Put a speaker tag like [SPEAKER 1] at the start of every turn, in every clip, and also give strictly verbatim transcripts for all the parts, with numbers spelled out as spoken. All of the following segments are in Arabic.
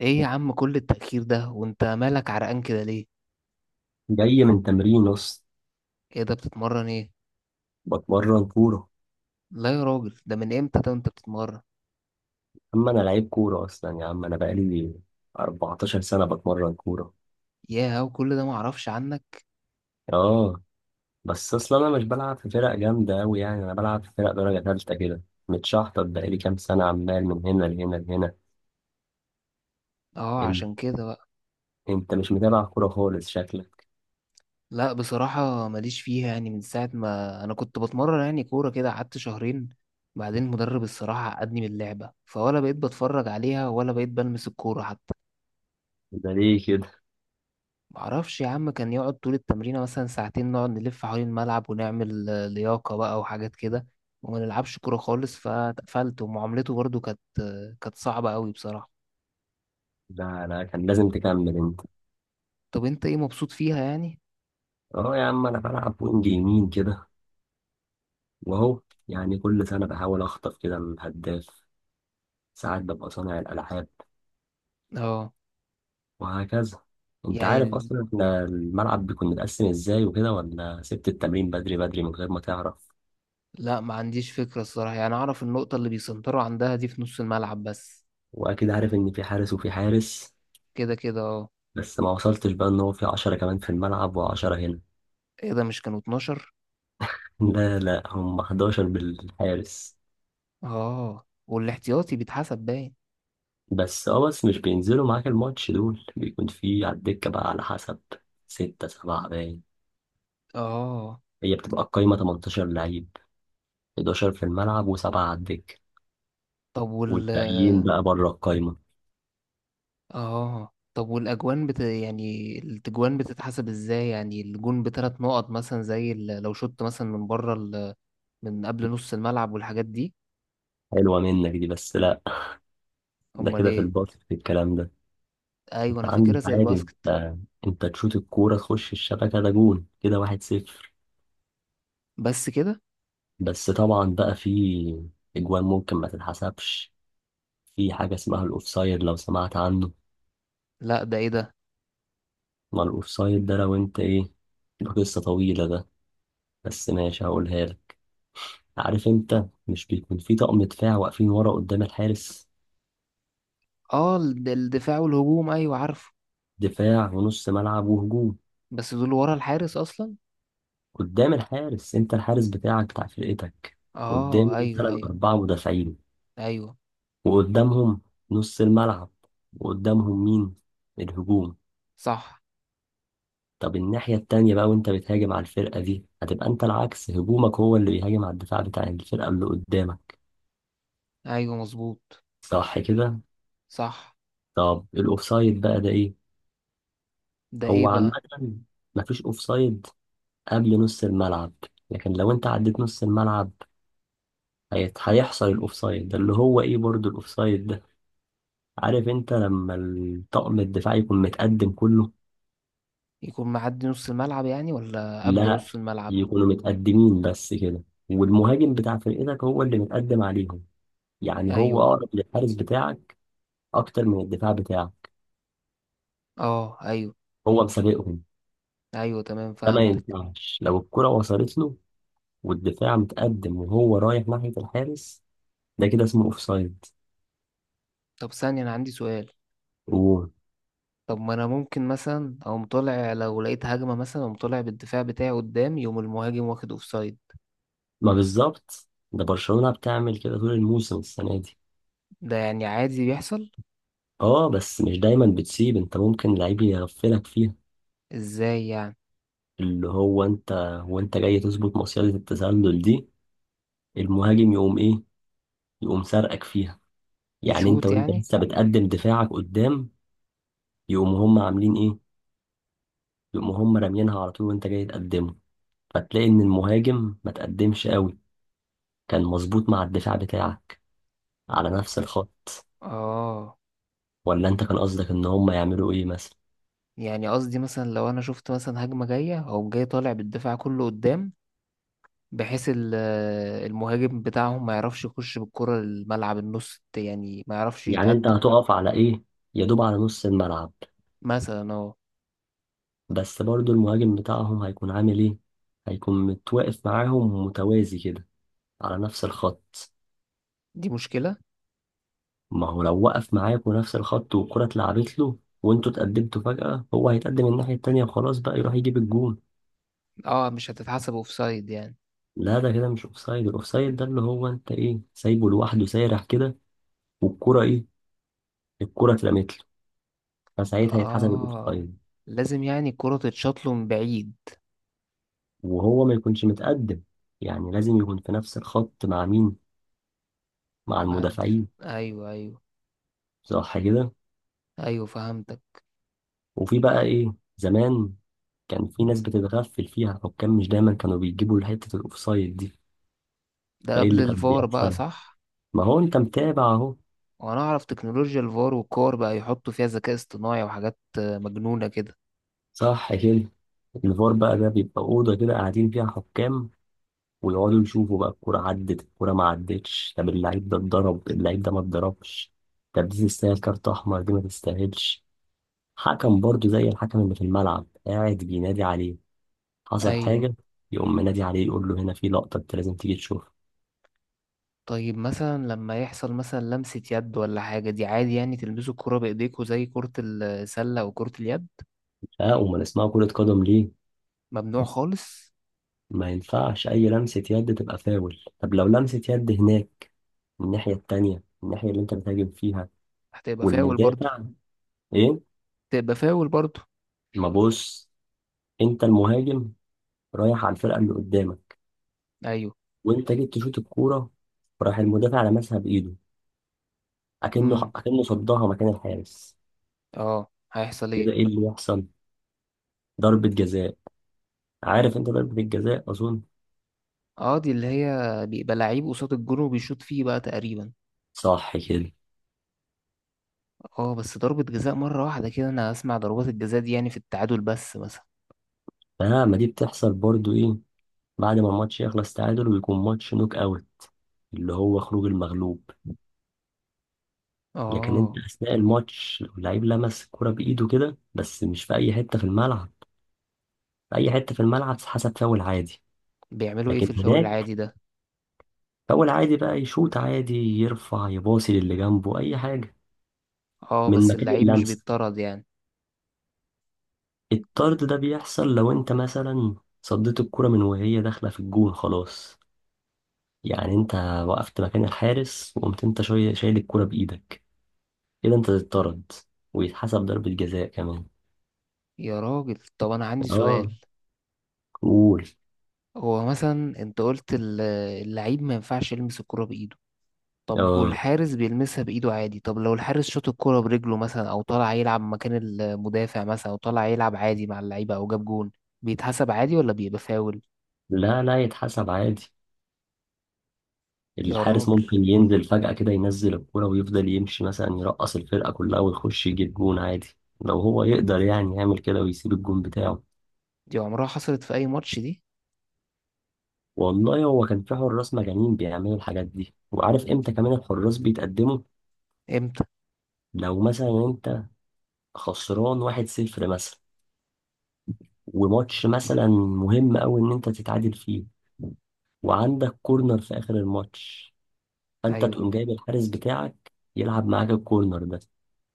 [SPEAKER 1] ايه يا عم كل التأخير ده وانت مالك عرقان كده ليه؟
[SPEAKER 2] جاي من تمرين اصلا.
[SPEAKER 1] ايه ده؟ بتتمرن ايه؟
[SPEAKER 2] بتمرن كورة.
[SPEAKER 1] لا يا راجل، ده من امتى ده انت بتتمرن؟
[SPEAKER 2] اما انا لعيب كورة اصلا يا عم، انا بقالي اربعتاشر سنة بتمرن كورة.
[SPEAKER 1] ياه، وكل ده معرفش عنك.
[SPEAKER 2] اه، بس اصلا انا مش بلعب في فرق جامدة اوي، يعني انا بلعب في فرق درجة تالتة كده. متشحطط بقالي كام سنة عمال من هنا لهنا لهنا.
[SPEAKER 1] اه
[SPEAKER 2] انت،
[SPEAKER 1] عشان كده بقى.
[SPEAKER 2] انت مش متابع كورة خالص شكلك.
[SPEAKER 1] لا بصراحة ماليش فيها، يعني من ساعة ما انا كنت بتمرن يعني كورة كده قعدت شهرين. بعدين المدرب الصراحة عقدني من اللعبة، فولا بقيت بتفرج عليها ولا بقيت بلمس الكورة حتى.
[SPEAKER 2] ده ليه كده؟
[SPEAKER 1] معرفش يا عم، كان يقعد طول التمرين مثلا ساعتين نقعد نلف حوالين الملعب ونعمل آه، لياقة بقى وحاجات كده. وما نلعبش كورة خالص فاتقفلت، ومعاملته برضو كانت آه، كانت صعبة قوي بصراحة.
[SPEAKER 2] ده انا كان لازم تكمل انت.
[SPEAKER 1] طب انت ايه مبسوط فيها يعني؟
[SPEAKER 2] اه يا عم، انا بلعب وينج يمين كده. واهو، يعني كل سنة بحاول اخطف كده الهداف، ساعات ببقى صانع الالعاب،
[SPEAKER 1] اه.
[SPEAKER 2] وهكذا. انت
[SPEAKER 1] يعني
[SPEAKER 2] عارف
[SPEAKER 1] ال...
[SPEAKER 2] اصلا احنا الملعب بيكون متقسم ازاي وكده، ولا سبت التمرين بدري بدري من غير ما تعرف؟
[SPEAKER 1] لا ما عنديش فكرة الصراحة، يعني اعرف النقطة اللي بيسنتروا عندها دي في نص الملعب بس.
[SPEAKER 2] واكيد عارف ان في حارس وفي حارس،
[SPEAKER 1] كده كده اه.
[SPEAKER 2] بس ما وصلتش بقى ان هو في عشرة كمان في الملعب وعشرة هنا.
[SPEAKER 1] ايه ده، مش كانوا اثنا عشر؟
[SPEAKER 2] لا لا، هم حداشر بالحارس.
[SPEAKER 1] اه والاحتياطي بيتحسب باين.
[SPEAKER 2] بس اه، بس مش بينزلوا معاك الماتش دول، بيكون في على الدكة بقى على حسب ستة سبعة باين.
[SPEAKER 1] اه
[SPEAKER 2] هي بتبقى القايمة تمنتاشر لعيب، حداشر في الملعب وسبعة على الدكة،
[SPEAKER 1] طب وال.
[SPEAKER 2] والباقيين بقى بره القايمة.
[SPEAKER 1] اه طب والاجوان بت... يعني التجوان بتتحسب ازاي؟ يعني الجون بثلاث نقط مثلا زي ال- لو شوت مثلا من بره ال... من قبل نص الملعب والحاجات دي.
[SPEAKER 2] حلوة منك دي، بس لا. ده
[SPEAKER 1] امال
[SPEAKER 2] كده في
[SPEAKER 1] ايه؟
[SPEAKER 2] الباطن في الكلام ده.
[SPEAKER 1] ايوه
[SPEAKER 2] انت
[SPEAKER 1] انا فاكرها
[SPEAKER 2] عندك
[SPEAKER 1] زي
[SPEAKER 2] عادي
[SPEAKER 1] الباسكت.
[SPEAKER 2] انت، انت تشوط الكورة تخش الشبكة ده جون كده، واحد صفر.
[SPEAKER 1] بس كده؟
[SPEAKER 2] بس طبعا بقى في اجوان ممكن ما تتحسبش. في حاجة اسمها الاوفسايد، لو سمعت عنه.
[SPEAKER 1] لا ده ايه ده؟
[SPEAKER 2] ما الاوفسايد ده لو انت ايه، ده قصة طويلة ده، بس ماشي هقولها لك. عارف انت مش بيكون في طقم دفاع واقفين ورا قدام الحارس؟
[SPEAKER 1] اه ال- ده الدفاع والهجوم، ايوه عارفه.
[SPEAKER 2] دفاع ونص ملعب وهجوم.
[SPEAKER 1] بس دول ورا الحارس اصلا.
[SPEAKER 2] قدام الحارس، انت الحارس بتاعك بتاع فرقتك، قدام
[SPEAKER 1] اه ايوه،
[SPEAKER 2] مثلا
[SPEAKER 1] ايوه.
[SPEAKER 2] أربعة مدافعين،
[SPEAKER 1] ايوه.
[SPEAKER 2] وقدامهم نص الملعب، وقدامهم مين؟ الهجوم.
[SPEAKER 1] صح.
[SPEAKER 2] طب الناحية التانية بقى وانت بتهاجم على الفرقة دي، هتبقى انت العكس، هجومك هو اللي بيهاجم على الدفاع بتاع الفرقة اللي قدامك.
[SPEAKER 1] ايوه مظبوط.
[SPEAKER 2] صح كده؟
[SPEAKER 1] صح.
[SPEAKER 2] طب الاوفسايد بقى ده ايه؟
[SPEAKER 1] ده ايه
[SPEAKER 2] هو عامة،
[SPEAKER 1] بقى؟
[SPEAKER 2] مفيش اوفسايد قبل نص الملعب، لكن لو انت عديت نص الملعب هيت- هيحصل الاوفسايد، ده اللي هو ايه برضو الاوفسايد ده. عارف انت لما الطقم الدفاعي يكون متقدم كله؟
[SPEAKER 1] يكون معدي نص الملعب يعني ولا قبل
[SPEAKER 2] لا،
[SPEAKER 1] نص الملعب؟
[SPEAKER 2] يكونوا متقدمين بس كده، والمهاجم بتاع فرقتك هو اللي متقدم عليهم. يعني هو
[SPEAKER 1] ايوه.
[SPEAKER 2] اقرب للحارس بتاعك اكتر من الدفاع بتاعك،
[SPEAKER 1] اه ايوه.
[SPEAKER 2] هو مسابقهم.
[SPEAKER 1] ايوه تمام،
[SPEAKER 2] ده ما
[SPEAKER 1] فهمتك.
[SPEAKER 2] ينفعش لو الكرة وصلت له والدفاع متقدم وهو رايح ناحية الحارس، ده كده اسمه اوفسايد.
[SPEAKER 1] طب ثانية، انا عندي سؤال.
[SPEAKER 2] وما
[SPEAKER 1] طب ما انا ممكن مثلا اقوم طالع لو لقيت هجمة مثلا، اقوم طالع بالدفاع بتاعي قدام، يقوم المهاجم واخد اوفسايد.
[SPEAKER 2] بالظبط، ده برشلونة بتعمل كده طول الموسم السنة دي.
[SPEAKER 1] ده يعني عادي بيحصل؟
[SPEAKER 2] اه، بس مش دايما بتسيب، انت ممكن لعيب يغفلك فيها.
[SPEAKER 1] ازاي يعني؟
[SPEAKER 2] اللي هو انت وانت جاي تظبط مصيدة التسلل دي، المهاجم يقوم ايه؟ يقوم سرقك فيها. يعني انت
[SPEAKER 1] يشوط
[SPEAKER 2] وانت
[SPEAKER 1] يعني؟
[SPEAKER 2] لسه بتقدم دفاعك قدام، يقوموا هم عاملين ايه؟ يقوموا هم راميينها على طول وانت جاي تقدمه، فتلاقي ان المهاجم ما تقدمش قوي، كان مظبوط مع الدفاع بتاعك على نفس الخط.
[SPEAKER 1] اه.
[SPEAKER 2] ولا انت كان قصدك ان هم يعملوا ايه مثلا؟
[SPEAKER 1] يعني قصدي مثلا لو انا شفت مثلا هجمة جاية او جاي طالع بالدفاع كله قدام، بحيث ال- المهاجم بتاعهم ما يعرفش يخش بالكرة الملعب النص، يعني ما يعرفش
[SPEAKER 2] يعني انت
[SPEAKER 1] يتقدم.
[SPEAKER 2] هتقف على ايه؟ يا دوب على نص الملعب؟
[SPEAKER 1] مثلا اه.
[SPEAKER 2] بس برضو المهاجم بتاعهم هيكون عامل ايه؟ هيكون متواقف معاهم متوازي كده على نفس الخط.
[SPEAKER 1] دي مشكلة.
[SPEAKER 2] ما هو لو وقف معاكوا نفس الخط والكرة اتلعبت له وانتوا اتقدمتوا فجأة، هو هيتقدم الناحية التانية وخلاص بقى يروح يجيب الجون.
[SPEAKER 1] اه مش هتتحسب اوفسايد يعني؟
[SPEAKER 2] لا، ده كده مش اوفسايد. الاوفسايد ده اللي هو انت ايه، سايبه لوحده سارح كده، والكرة ايه؟ الكرة اترمت له، فساعتها يتحسب
[SPEAKER 1] اه
[SPEAKER 2] الاوفسايد.
[SPEAKER 1] لازم يعني الكرة تتشاط له من بعيد.
[SPEAKER 2] وهو ما يكونش متقدم، يعني لازم يكون في نفس الخط مع مين؟ مع
[SPEAKER 1] بعد.
[SPEAKER 2] المدافعين.
[SPEAKER 1] ايوه، ايوه.
[SPEAKER 2] صح كده؟
[SPEAKER 1] ايوه فهمتك.
[SPEAKER 2] وفي بقى ايه زمان كان في ناس بتتغفل فيها الحكام، مش دايما كانوا بيجيبوا حتة الاوفسايد دي.
[SPEAKER 1] ده
[SPEAKER 2] فايه
[SPEAKER 1] قبل
[SPEAKER 2] اللي كان
[SPEAKER 1] الفار بقى،
[SPEAKER 2] بيحصل؟
[SPEAKER 1] صح؟
[SPEAKER 2] ما هو انت متابع اهو.
[SPEAKER 1] وانا اعرف تكنولوجيا الفار، والكور بقى يحطوا فيها ذكاء اصطناعي وحاجات آه، مجنونة كده.
[SPEAKER 2] صح كده. الفار بقى ده بيبقى أوضة كده قاعدين فيها حكام، ويقعدوا يشوفوا بقى الكورة عدت الكورة ما عدتش، طب اللعيب ده اتضرب اللعيب ده ما اتضربش، طب دي تستاهل كارت أحمر دي ما تستاهلش. حكم برضه زي الحكم اللي في الملعب قاعد بينادي عليه. حصل
[SPEAKER 1] ايوه.
[SPEAKER 2] حاجة، يقوم منادي عليه يقول له هنا في لقطة أنت لازم تيجي تشوفها.
[SPEAKER 1] طيب مثلا لما يحصل مثلا لمسة يد ولا حاجة دي عادي يعني؟ تلمسوا الكرة بايديكوا زي كرة السلة وكرة اليد؟
[SPEAKER 2] اه، أمال اسمها كرة قدم ليه؟
[SPEAKER 1] ممنوع خالص.
[SPEAKER 2] ما ينفعش أي لمسة يد، تبقى فاول. طب لو لمسة يد هناك، الناحية التانية الناحية اللي أنت بتهاجم فيها،
[SPEAKER 1] هتبقى فاول برضو.
[SPEAKER 2] والمدافع، إيه؟
[SPEAKER 1] تبقى فاول برضو.
[SPEAKER 2] ما بص، انت المهاجم رايح على الفرقه اللي قدامك،
[SPEAKER 1] ايوه.
[SPEAKER 2] وانت جيت تشوط الكوره، راح المدافع لمسها بايده، اكنه
[SPEAKER 1] امم.
[SPEAKER 2] اكنه صدها مكان الحارس.
[SPEAKER 1] اه هيحصل ايه؟
[SPEAKER 2] كده ايه اللي يحصل؟ ضربه جزاء. عارف انت ضربه الجزاء اظن.
[SPEAKER 1] اه دي اللي هي بيبقى لعيب قصاد الجون وبيشوط فيه بقى تقريبا.
[SPEAKER 2] صح كده.
[SPEAKER 1] اه بس ضربة جزاء مرة واحدة كده، انا اسمع ضربات الجزاء دي يعني في التعادل بس مثلا.
[SPEAKER 2] اه، ما دي بتحصل برضو ايه، بعد ما الماتش يخلص تعادل ويكون ماتش نوك اوت، اللي هو خروج المغلوب. لكن انت
[SPEAKER 1] اه.
[SPEAKER 2] اثناء الماتش لو اللعيب لمس الكرة بايده كده بس مش في اي حته في الملعب، في اي حته في الملعب حسب فاول عادي.
[SPEAKER 1] بيعملوا ايه في
[SPEAKER 2] لكن
[SPEAKER 1] الفاول
[SPEAKER 2] هناك،
[SPEAKER 1] العادي ده؟
[SPEAKER 2] فاول عادي بقى، يشوط عادي، يرفع، يباصي للي جنبه، اي حاجه
[SPEAKER 1] اه
[SPEAKER 2] من
[SPEAKER 1] بس
[SPEAKER 2] مكان
[SPEAKER 1] اللعيب مش
[SPEAKER 2] اللمسه.
[SPEAKER 1] بيتطرد يعني؟
[SPEAKER 2] الطرد ده بيحصل لو انت مثلا صديت الكرة من وهي داخله في الجون خلاص. يعني انت وقفت مكان الحارس وقمت انت شويه شايل الكرة بايدك، كده انت تتطرد ويتحسب ضربة جزاء كمان.
[SPEAKER 1] يا راجل، طب انا عندي
[SPEAKER 2] اه.
[SPEAKER 1] سؤال.
[SPEAKER 2] قول.
[SPEAKER 1] هو مثلا انت قلت ال- اللعيب ما ينفعش يلمس الكرة بايده، طب
[SPEAKER 2] اه،
[SPEAKER 1] والحارس بيلمسها بايده عادي؟ طب لو الحارس شاط الكرة برجله مثلا، او طالع يلعب مكان المدافع مثلا، او طالع يلعب عادي مع اللعيبة او جاب جون، بيتحسب عادي ولا بيبقى فاول؟
[SPEAKER 2] لا لا، يتحسب عادي.
[SPEAKER 1] يا
[SPEAKER 2] الحارس
[SPEAKER 1] راجل.
[SPEAKER 2] ممكن ينزل فجأة كده، ينزل الكورة ويفضل يمشي مثلا، يرقص الفرقة كلها ويخش يجيب جون عادي. لو هو يقدر يعني يعمل كده ويسيب الجون بتاعه.
[SPEAKER 1] دي عمرها حصلت في أي ماتش دي؟
[SPEAKER 2] والله هو كان في حراس مجانين بيعملوا الحاجات دي. وعارف امتى كمان الحراس بيتقدموا؟
[SPEAKER 1] امتى؟
[SPEAKER 2] لو مثلا انت خسران واحد صفر مثلا، وماتش مثلا مهم قوي ان انت تتعادل فيه، وعندك كورنر في اخر الماتش، فانت
[SPEAKER 1] أيوه.
[SPEAKER 2] تقوم جايب الحارس بتاعك يلعب معاك الكورنر ده،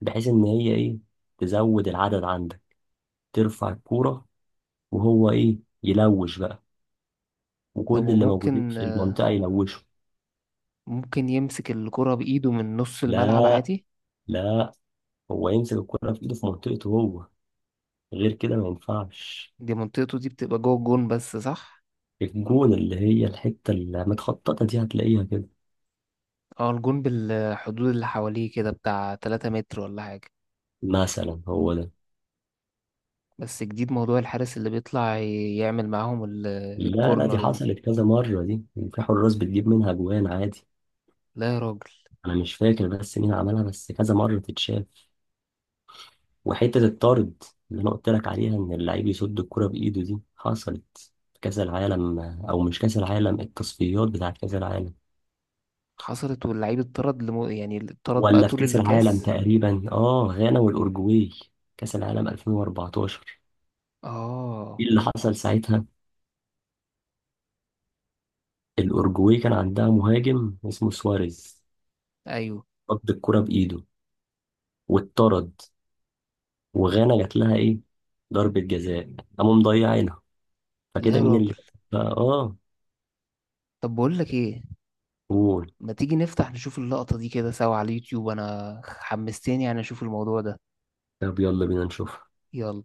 [SPEAKER 2] بحيث ان هي ايه، تزود العدد عندك، ترفع الكورة وهو إيه يلوش بقى،
[SPEAKER 1] طب
[SPEAKER 2] وكل اللي موجودين
[SPEAKER 1] وممكن
[SPEAKER 2] في المنطقة يلوشوا.
[SPEAKER 1] ممكن يمسك الكرة بإيده من نص الملعب
[SPEAKER 2] لا
[SPEAKER 1] عادي؟
[SPEAKER 2] لا، هو يمسك الكورة في إيده في منطقته هو، غير كده ما ينفعش.
[SPEAKER 1] دي منطقته دي بتبقى جوه الجون بس، صح؟
[SPEAKER 2] الجون اللي هي الحتة اللي متخططة دي هتلاقيها كده،
[SPEAKER 1] اه، الجون بالحدود اللي حواليه كده بتاع 3 متر ولا حاجة.
[SPEAKER 2] مثلا هو ده.
[SPEAKER 1] بس جديد موضوع الحارس اللي بيطلع ي- يعمل معاهم ال-
[SPEAKER 2] لا لا، دي
[SPEAKER 1] الكورنر دي.
[SPEAKER 2] حصلت كذا مرة دي، وفي حراس بتجيب منها جوان عادي.
[SPEAKER 1] لا يا راجل.
[SPEAKER 2] أنا مش فاكر بس مين عملها، بس كذا مرة تتشاف. وحتة الطارد اللي أنا قلت لك عليها، إن اللعيب يصد الكرة بإيده، دي حصلت في كأس العالم، أو مش كأس العالم، التصفيات بتاعت كأس العالم،
[SPEAKER 1] حصلت واللعيب اتطرد لمو... يعني اتطرد بقى
[SPEAKER 2] ولا في
[SPEAKER 1] طول
[SPEAKER 2] كأس العالم
[SPEAKER 1] الكاس؟
[SPEAKER 2] تقريبا، آه، غانا والأورجواي، كأس العالم ألفين وأربعة عشر.
[SPEAKER 1] اه.
[SPEAKER 2] إيه اللي حصل ساعتها؟ الأورجواي كان عندها مهاجم اسمه سواريز،
[SPEAKER 1] ايوه.
[SPEAKER 2] صد الكرة بإيده واتطرد، وغانا جات لها إيه؟ ضربة جزاء، قاموا مضيعينها.
[SPEAKER 1] لا
[SPEAKER 2] فكده
[SPEAKER 1] يا
[SPEAKER 2] مين اللي
[SPEAKER 1] راجل.
[SPEAKER 2] كسب بقى؟ آه.
[SPEAKER 1] طب بقول لك ايه،
[SPEAKER 2] قول.
[SPEAKER 1] ما تيجي نفتح نشوف اللقطة دي كده سوا على اليوتيوب، انا حمستني يعني اشوف الموضوع ده.
[SPEAKER 2] طب يلا بينا نشوف.
[SPEAKER 1] يلا.